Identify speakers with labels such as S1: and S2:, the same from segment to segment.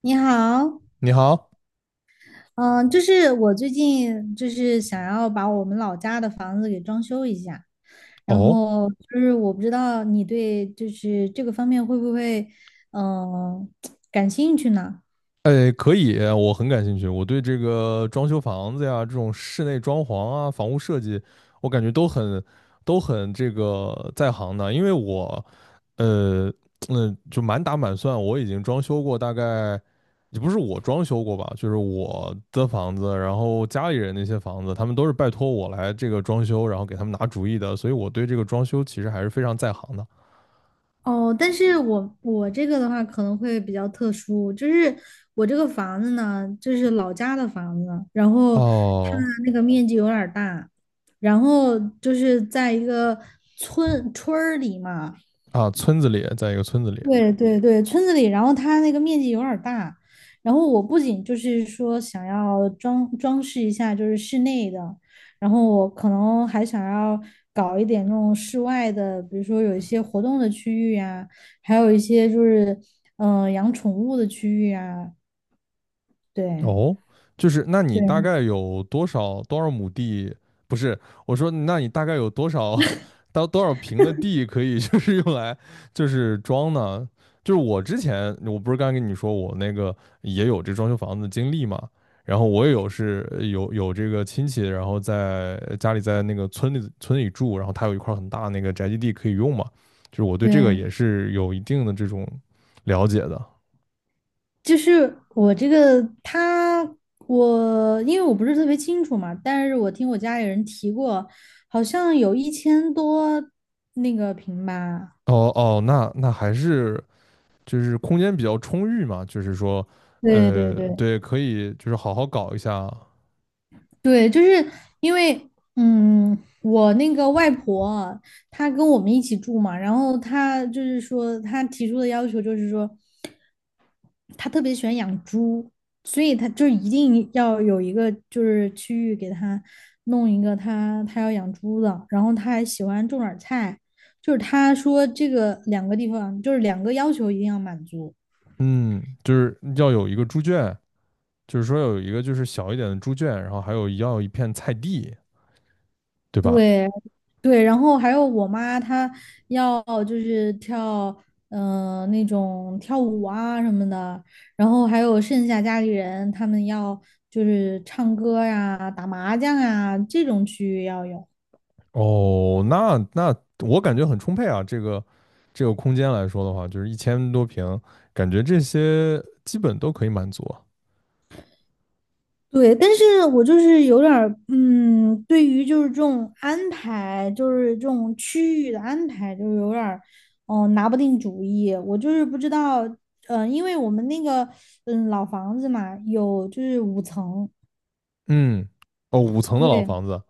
S1: 你好，
S2: 你好，
S1: 嗯，就是我最近就是想要把我们老家的房子给装修一下，然
S2: 哦，
S1: 后就是我不知道你对就是这个方面会不会嗯感兴趣呢？
S2: 哎，可以，我很感兴趣。我对这个装修房子呀，这种室内装潢啊，房屋设计，我感觉都很这个在行的。因为我，呃，就满打满算，我已经装修过大概，也不是我装修过吧，就是我的房子，然后家里人那些房子，他们都是拜托我来这个装修，然后给他们拿主意的，所以我对这个装修其实还是非常在行的。
S1: 哦，但是我这个的话可能会比较特殊，就是我这个房子呢，就是老家的房子，然后它
S2: 哦。
S1: 那个面积有点儿大，然后就是在一个村儿里嘛。
S2: 啊，村子里，在一个村子里。
S1: 对对对，村子里，然后它那个面积有点儿大，然后我不仅就是说想要装饰一下，就是室内的，然后我可能还想要搞一点那种室外的，比如说有一些活动的区域呀，还有一些就是养宠物的区域啊，对
S2: 哦，就是那你大
S1: 对
S2: 概有多少亩地？不是，我说那你大概有多少 到多少平的地可以 就是用来就是装呢？就是我之前我不是刚跟你说我那个也有这装修房子的经历嘛，然后我也有是有有这个亲戚，然后在家里在那个村里住，然后他有一块很大那个宅基地可以用嘛，就是我对这个
S1: 对，
S2: 也是有一定的这种了解的。
S1: 就是我这个他，我因为我不是特别清楚嘛，但是我听我家里人提过，好像有一千多那个平吧。
S2: 哦哦，那还是就是空间比较充裕嘛，就是说，
S1: 对对对，
S2: 对，可以就是好好搞一下。
S1: 对，就是因为，嗯，我那个外婆她跟我们一起住嘛，然后她就是说，她提出的要求就是说，他特别喜欢养猪，所以他就一定要有一个就是区域给他弄一个他要养猪的，然后他还喜欢种点菜，就是他说这个两个地方就是两个要求一定要满足，
S2: 嗯，就是要有一个猪圈，就是说有一个就是小一点的猪圈，然后还有要一片菜地，对吧？
S1: 对对，然后还有我妈她要就是那种跳舞啊什么的，然后还有剩下家里人他们要就是唱歌呀、打麻将啊这种区域要有。
S2: 哦，那我感觉很充沛啊，这个空间来说的话，就是1000多平，感觉这些基本都可以满足啊。
S1: 对，但是我就是有点儿，对于就是这种安排，就是这种区域的安排，就是有点儿，拿不定主意。我就是不知道，因为我们那个，老房子嘛，有就是5层，
S2: 嗯，哦，五层的老
S1: 对
S2: 房子。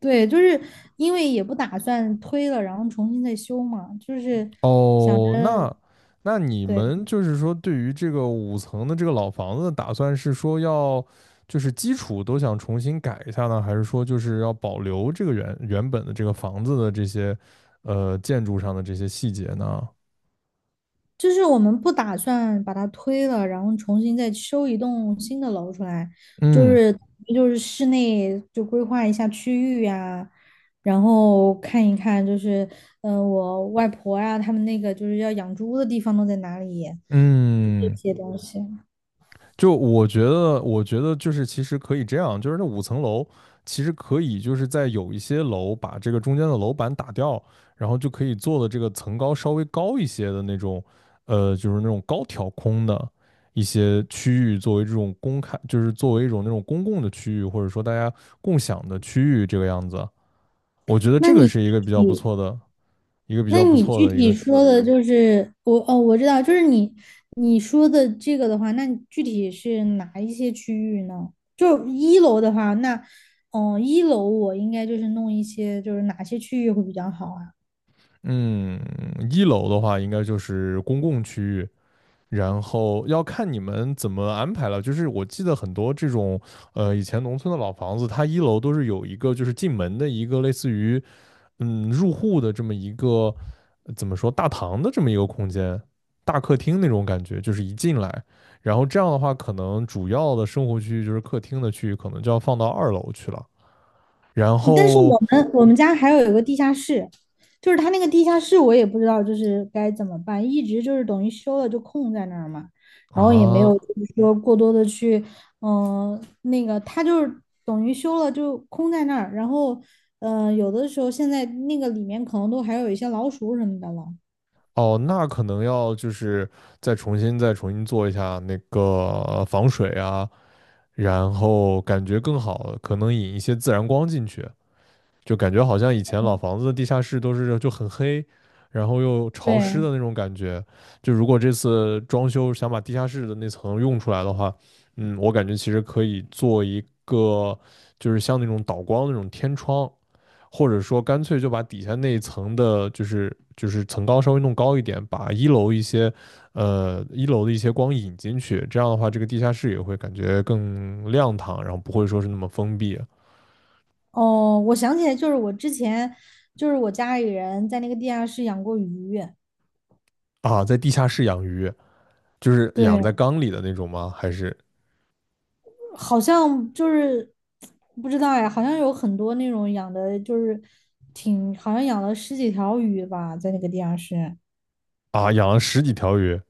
S1: 对，就是因为也不打算推了，然后重新再修嘛，就是想，
S2: 哦，那你
S1: 对。
S2: 们就是说，对于这个五层的这个老房子打算是说要，就是基础都想重新改一下呢，还是说就是要保留这个原原本的这个房子的这些，建筑上的这些细节呢？
S1: 就是我们不打算把它推了，然后重新再修一栋新的楼出来，就
S2: 嗯
S1: 是就是室内就规划一下区域呀、然后看一看就是我外婆呀、他们那个就是要养猪的地方都在哪里，就这
S2: 嗯。
S1: 些东西。
S2: 就我觉得，我觉得就是其实可以这样，就是那五层楼其实可以就是在有一些楼把这个中间的楼板打掉，然后就可以做的这个层高稍微高一些的那种，就是那种高挑空的一些区域作为这种公开，就是作为一种那种公共的区域，或者说大家共享的区域这个样子。我觉得
S1: 那
S2: 这个
S1: 你具
S2: 是一个比较不
S1: 体
S2: 错的。一个比
S1: 那
S2: 较不
S1: 你
S2: 错
S1: 具
S2: 的一个
S1: 体
S2: 是，
S1: 说的就是我哦，我知道，就是你说的这个的话，那你具体是哪一些区域呢？就一楼的话，那一楼我应该就是弄一些，就是哪些区域会比较好啊？
S2: 嗯，一楼的话应该就是公共区域。然后要看你们怎么安排了。就是我记得很多这种，以前农村的老房子，它一楼都是有一个就是进门的一个类似于入户的这么一个怎么说大堂的这么一个空间，大客厅那种感觉，就是一进来，然后这样的话，可能主要的生活区域就是客厅的区域，可能就要放到二楼去了。然
S1: 哦但是我
S2: 后
S1: 们我们家还有一个地下室，就是它那个地下室我也不知道就是该怎么办，一直就是等于修了就空在那儿嘛，然后也没
S2: 啊。
S1: 有就是说过多的去，那个它就是等于修了就空在那儿，然后有的时候现在那个里面可能都还有一些老鼠什么的了。
S2: 哦，那可能要就是再重新做一下那个防水啊，然后感觉更好，可能引一些自然光进去，就感觉好像以前老房子的地下室都是就很黑，然后又潮湿
S1: 对，
S2: 的那种感觉。就如果这次装修想把地下室的那层用出来的话，嗯，我感觉其实可以做一个就是像那种导光那种天窗，或者说干脆就把底下那一层的，就是层高稍微弄高一点，把一楼一些，一楼的一些光引进去，这样的话，这个地下室也会感觉更亮堂，然后不会说是那么封闭
S1: 哦，我想起来，就是我之前就是我家里人在那个地下室养过鱼，
S2: 啊。在地下室养鱼，就是养
S1: 对，
S2: 在缸里的那种吗？还是
S1: 好像就是不知道呀，好像有很多那种养的，就是挺好像养了十几条鱼吧，在那个地下室。
S2: 啊，养了十几条鱼？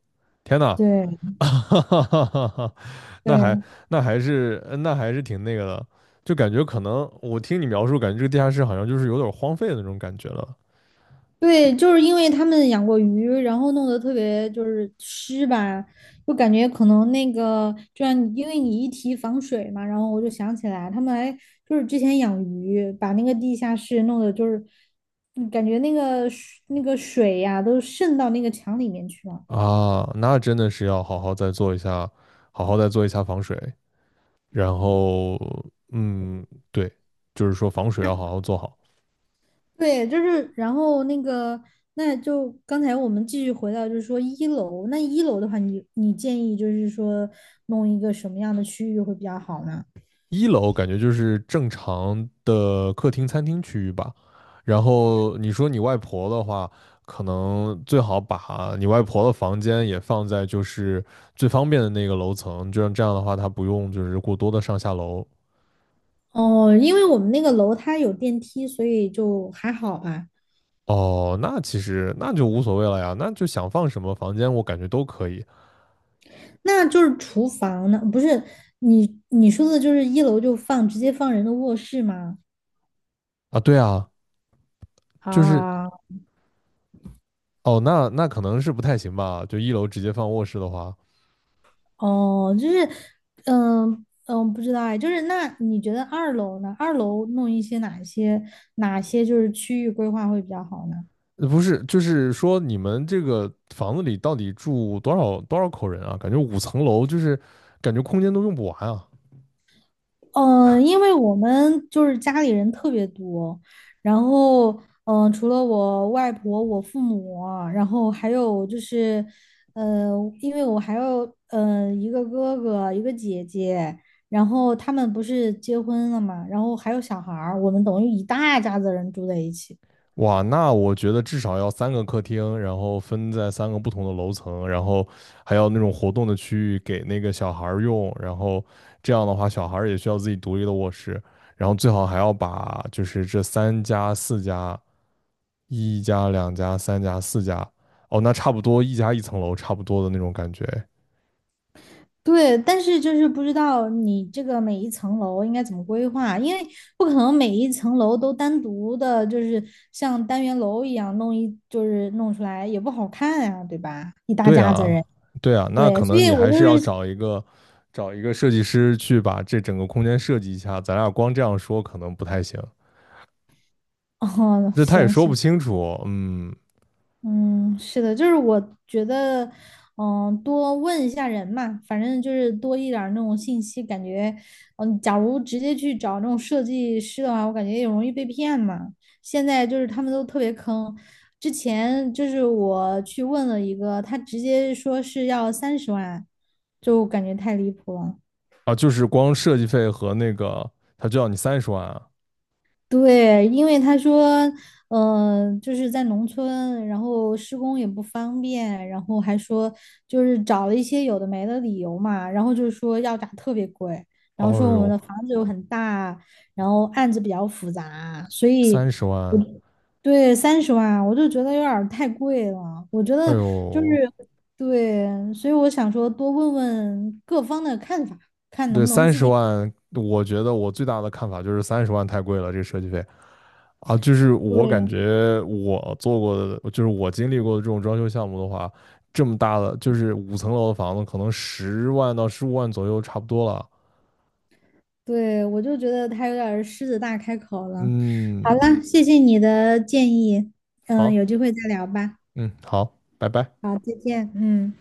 S2: 天呐。
S1: 对
S2: 那还
S1: 对
S2: 那还是挺那个的，就感觉可能我听你描述，感觉这个地下室好像就是有点荒废的那种感觉了。
S1: 对，就是因为他们养过鱼，然后弄得特别就是湿吧，就感觉可能那个，就像你因为你一提防水嘛，然后我就想起来，他们还就是之前养鱼，把那个地下室弄得就是，感觉那个水呀、都渗到那个墙里面去了。
S2: 啊，那真的是要好好再做一下，好好再做一下防水。然后，嗯，对，就是说防水要好好做好。
S1: 对，就是，然后那个，那就刚才我们继续回到，就是说一楼，那一楼的话你，你建议就是说弄一个什么样的区域会比较好呢？
S2: 一楼感觉就是正常的客厅、餐厅区域吧。然后你说你外婆的话，可能最好把你外婆的房间也放在就是最方便的那个楼层，就像这样的话，她不用就是过多的上下楼。
S1: 哦，因为我们那个楼它有电梯，所以就还好吧。
S2: 哦，那其实那就无所谓了呀，那就想放什么房间，我感觉都可以
S1: 那就是厨房呢，不是你说的就是一楼就直接放人的卧室吗？
S2: 啊。对啊。就是
S1: 啊，
S2: 哦，那可能是不太行吧？就一楼直接放卧室的话，
S1: 哦，就是，嗯嗯，不知道哎，就是那你觉得二楼呢？二楼弄一些哪些就是区域规划会比较好呢？
S2: 不是，就是说你们这个房子里到底住多少口人啊？感觉五层楼就是感觉空间都用不完啊！
S1: 因为我们就是家里人特别多，然后除了我外婆、我父母啊然后还有就是，呃，因为我还有一个哥哥、一个姐姐，然后他们不是结婚了嘛，然后还有小孩儿，我们等于一大家子人住在一起。
S2: 哇，那我觉得至少要三个客厅，然后分在三个不同的楼层，然后还要那种活动的区域给那个小孩儿用，然后这样的话，小孩儿也需要自己独立的卧室。然后最好还要把就是这三家四家一家、两家、三家、四家，哦，那差不多一家一层楼，差不多的那种感觉。
S1: 对，但是就是不知道你这个每一层楼应该怎么规划，因为不可能每一层楼都单独的，就是像单元楼一样弄一，就是弄出来也不好看呀、对吧？一大
S2: 对
S1: 家子
S2: 啊，
S1: 人，
S2: 对啊，那
S1: 对，
S2: 可
S1: 所
S2: 能
S1: 以
S2: 你
S1: 我
S2: 还
S1: 就
S2: 是要
S1: 是，
S2: 找一个设计师去把这整个空间设计一下。咱俩光这样说可能不太行，
S1: 哦，
S2: 这他也
S1: 行
S2: 说不
S1: 行，
S2: 清楚。嗯。
S1: 嗯，是的，就是我觉得，多问一下人嘛，反正就是多一点儿那种信息，感觉，假如直接去找那种设计师的话，我感觉也容易被骗嘛。现在就是他们都特别坑，之前就是我去问了一个，他直接说是要三十万，就感觉太离谱了。
S2: 啊，就是光设计费和那个，他就要你三十万啊。
S1: 对，因为他说，就是在农村，然后施工也不方便，然后还说就是找了一些有的没的理由嘛，然后就是说要价特别贵，然后
S2: 哦
S1: 说我们
S2: 呦，
S1: 的房子又很大，然后案子比较复杂，所以
S2: 三十万。
S1: 对三十万我就觉得有点儿太贵了，我觉
S2: 哎
S1: 得就是
S2: 呦，
S1: 对，所以我想说多问问各方的看法，看能
S2: 对，
S1: 不能
S2: 三
S1: 自
S2: 十
S1: 己改
S2: 万，我觉得我最大的看法就是三十万太贵了，这个设计费。啊，就是我感
S1: 对。
S2: 觉我做过的，就是我经历过的这种装修项目的话，这么大的就是五层楼的房子，可能10万到15万左右差不多了。
S1: 对，我就觉得他有点儿狮子大开口了。好
S2: 嗯，
S1: 了，谢谢你的建议，
S2: 好。
S1: 有机会再聊吧。
S2: 嗯，好，拜拜。
S1: 好，再见，嗯。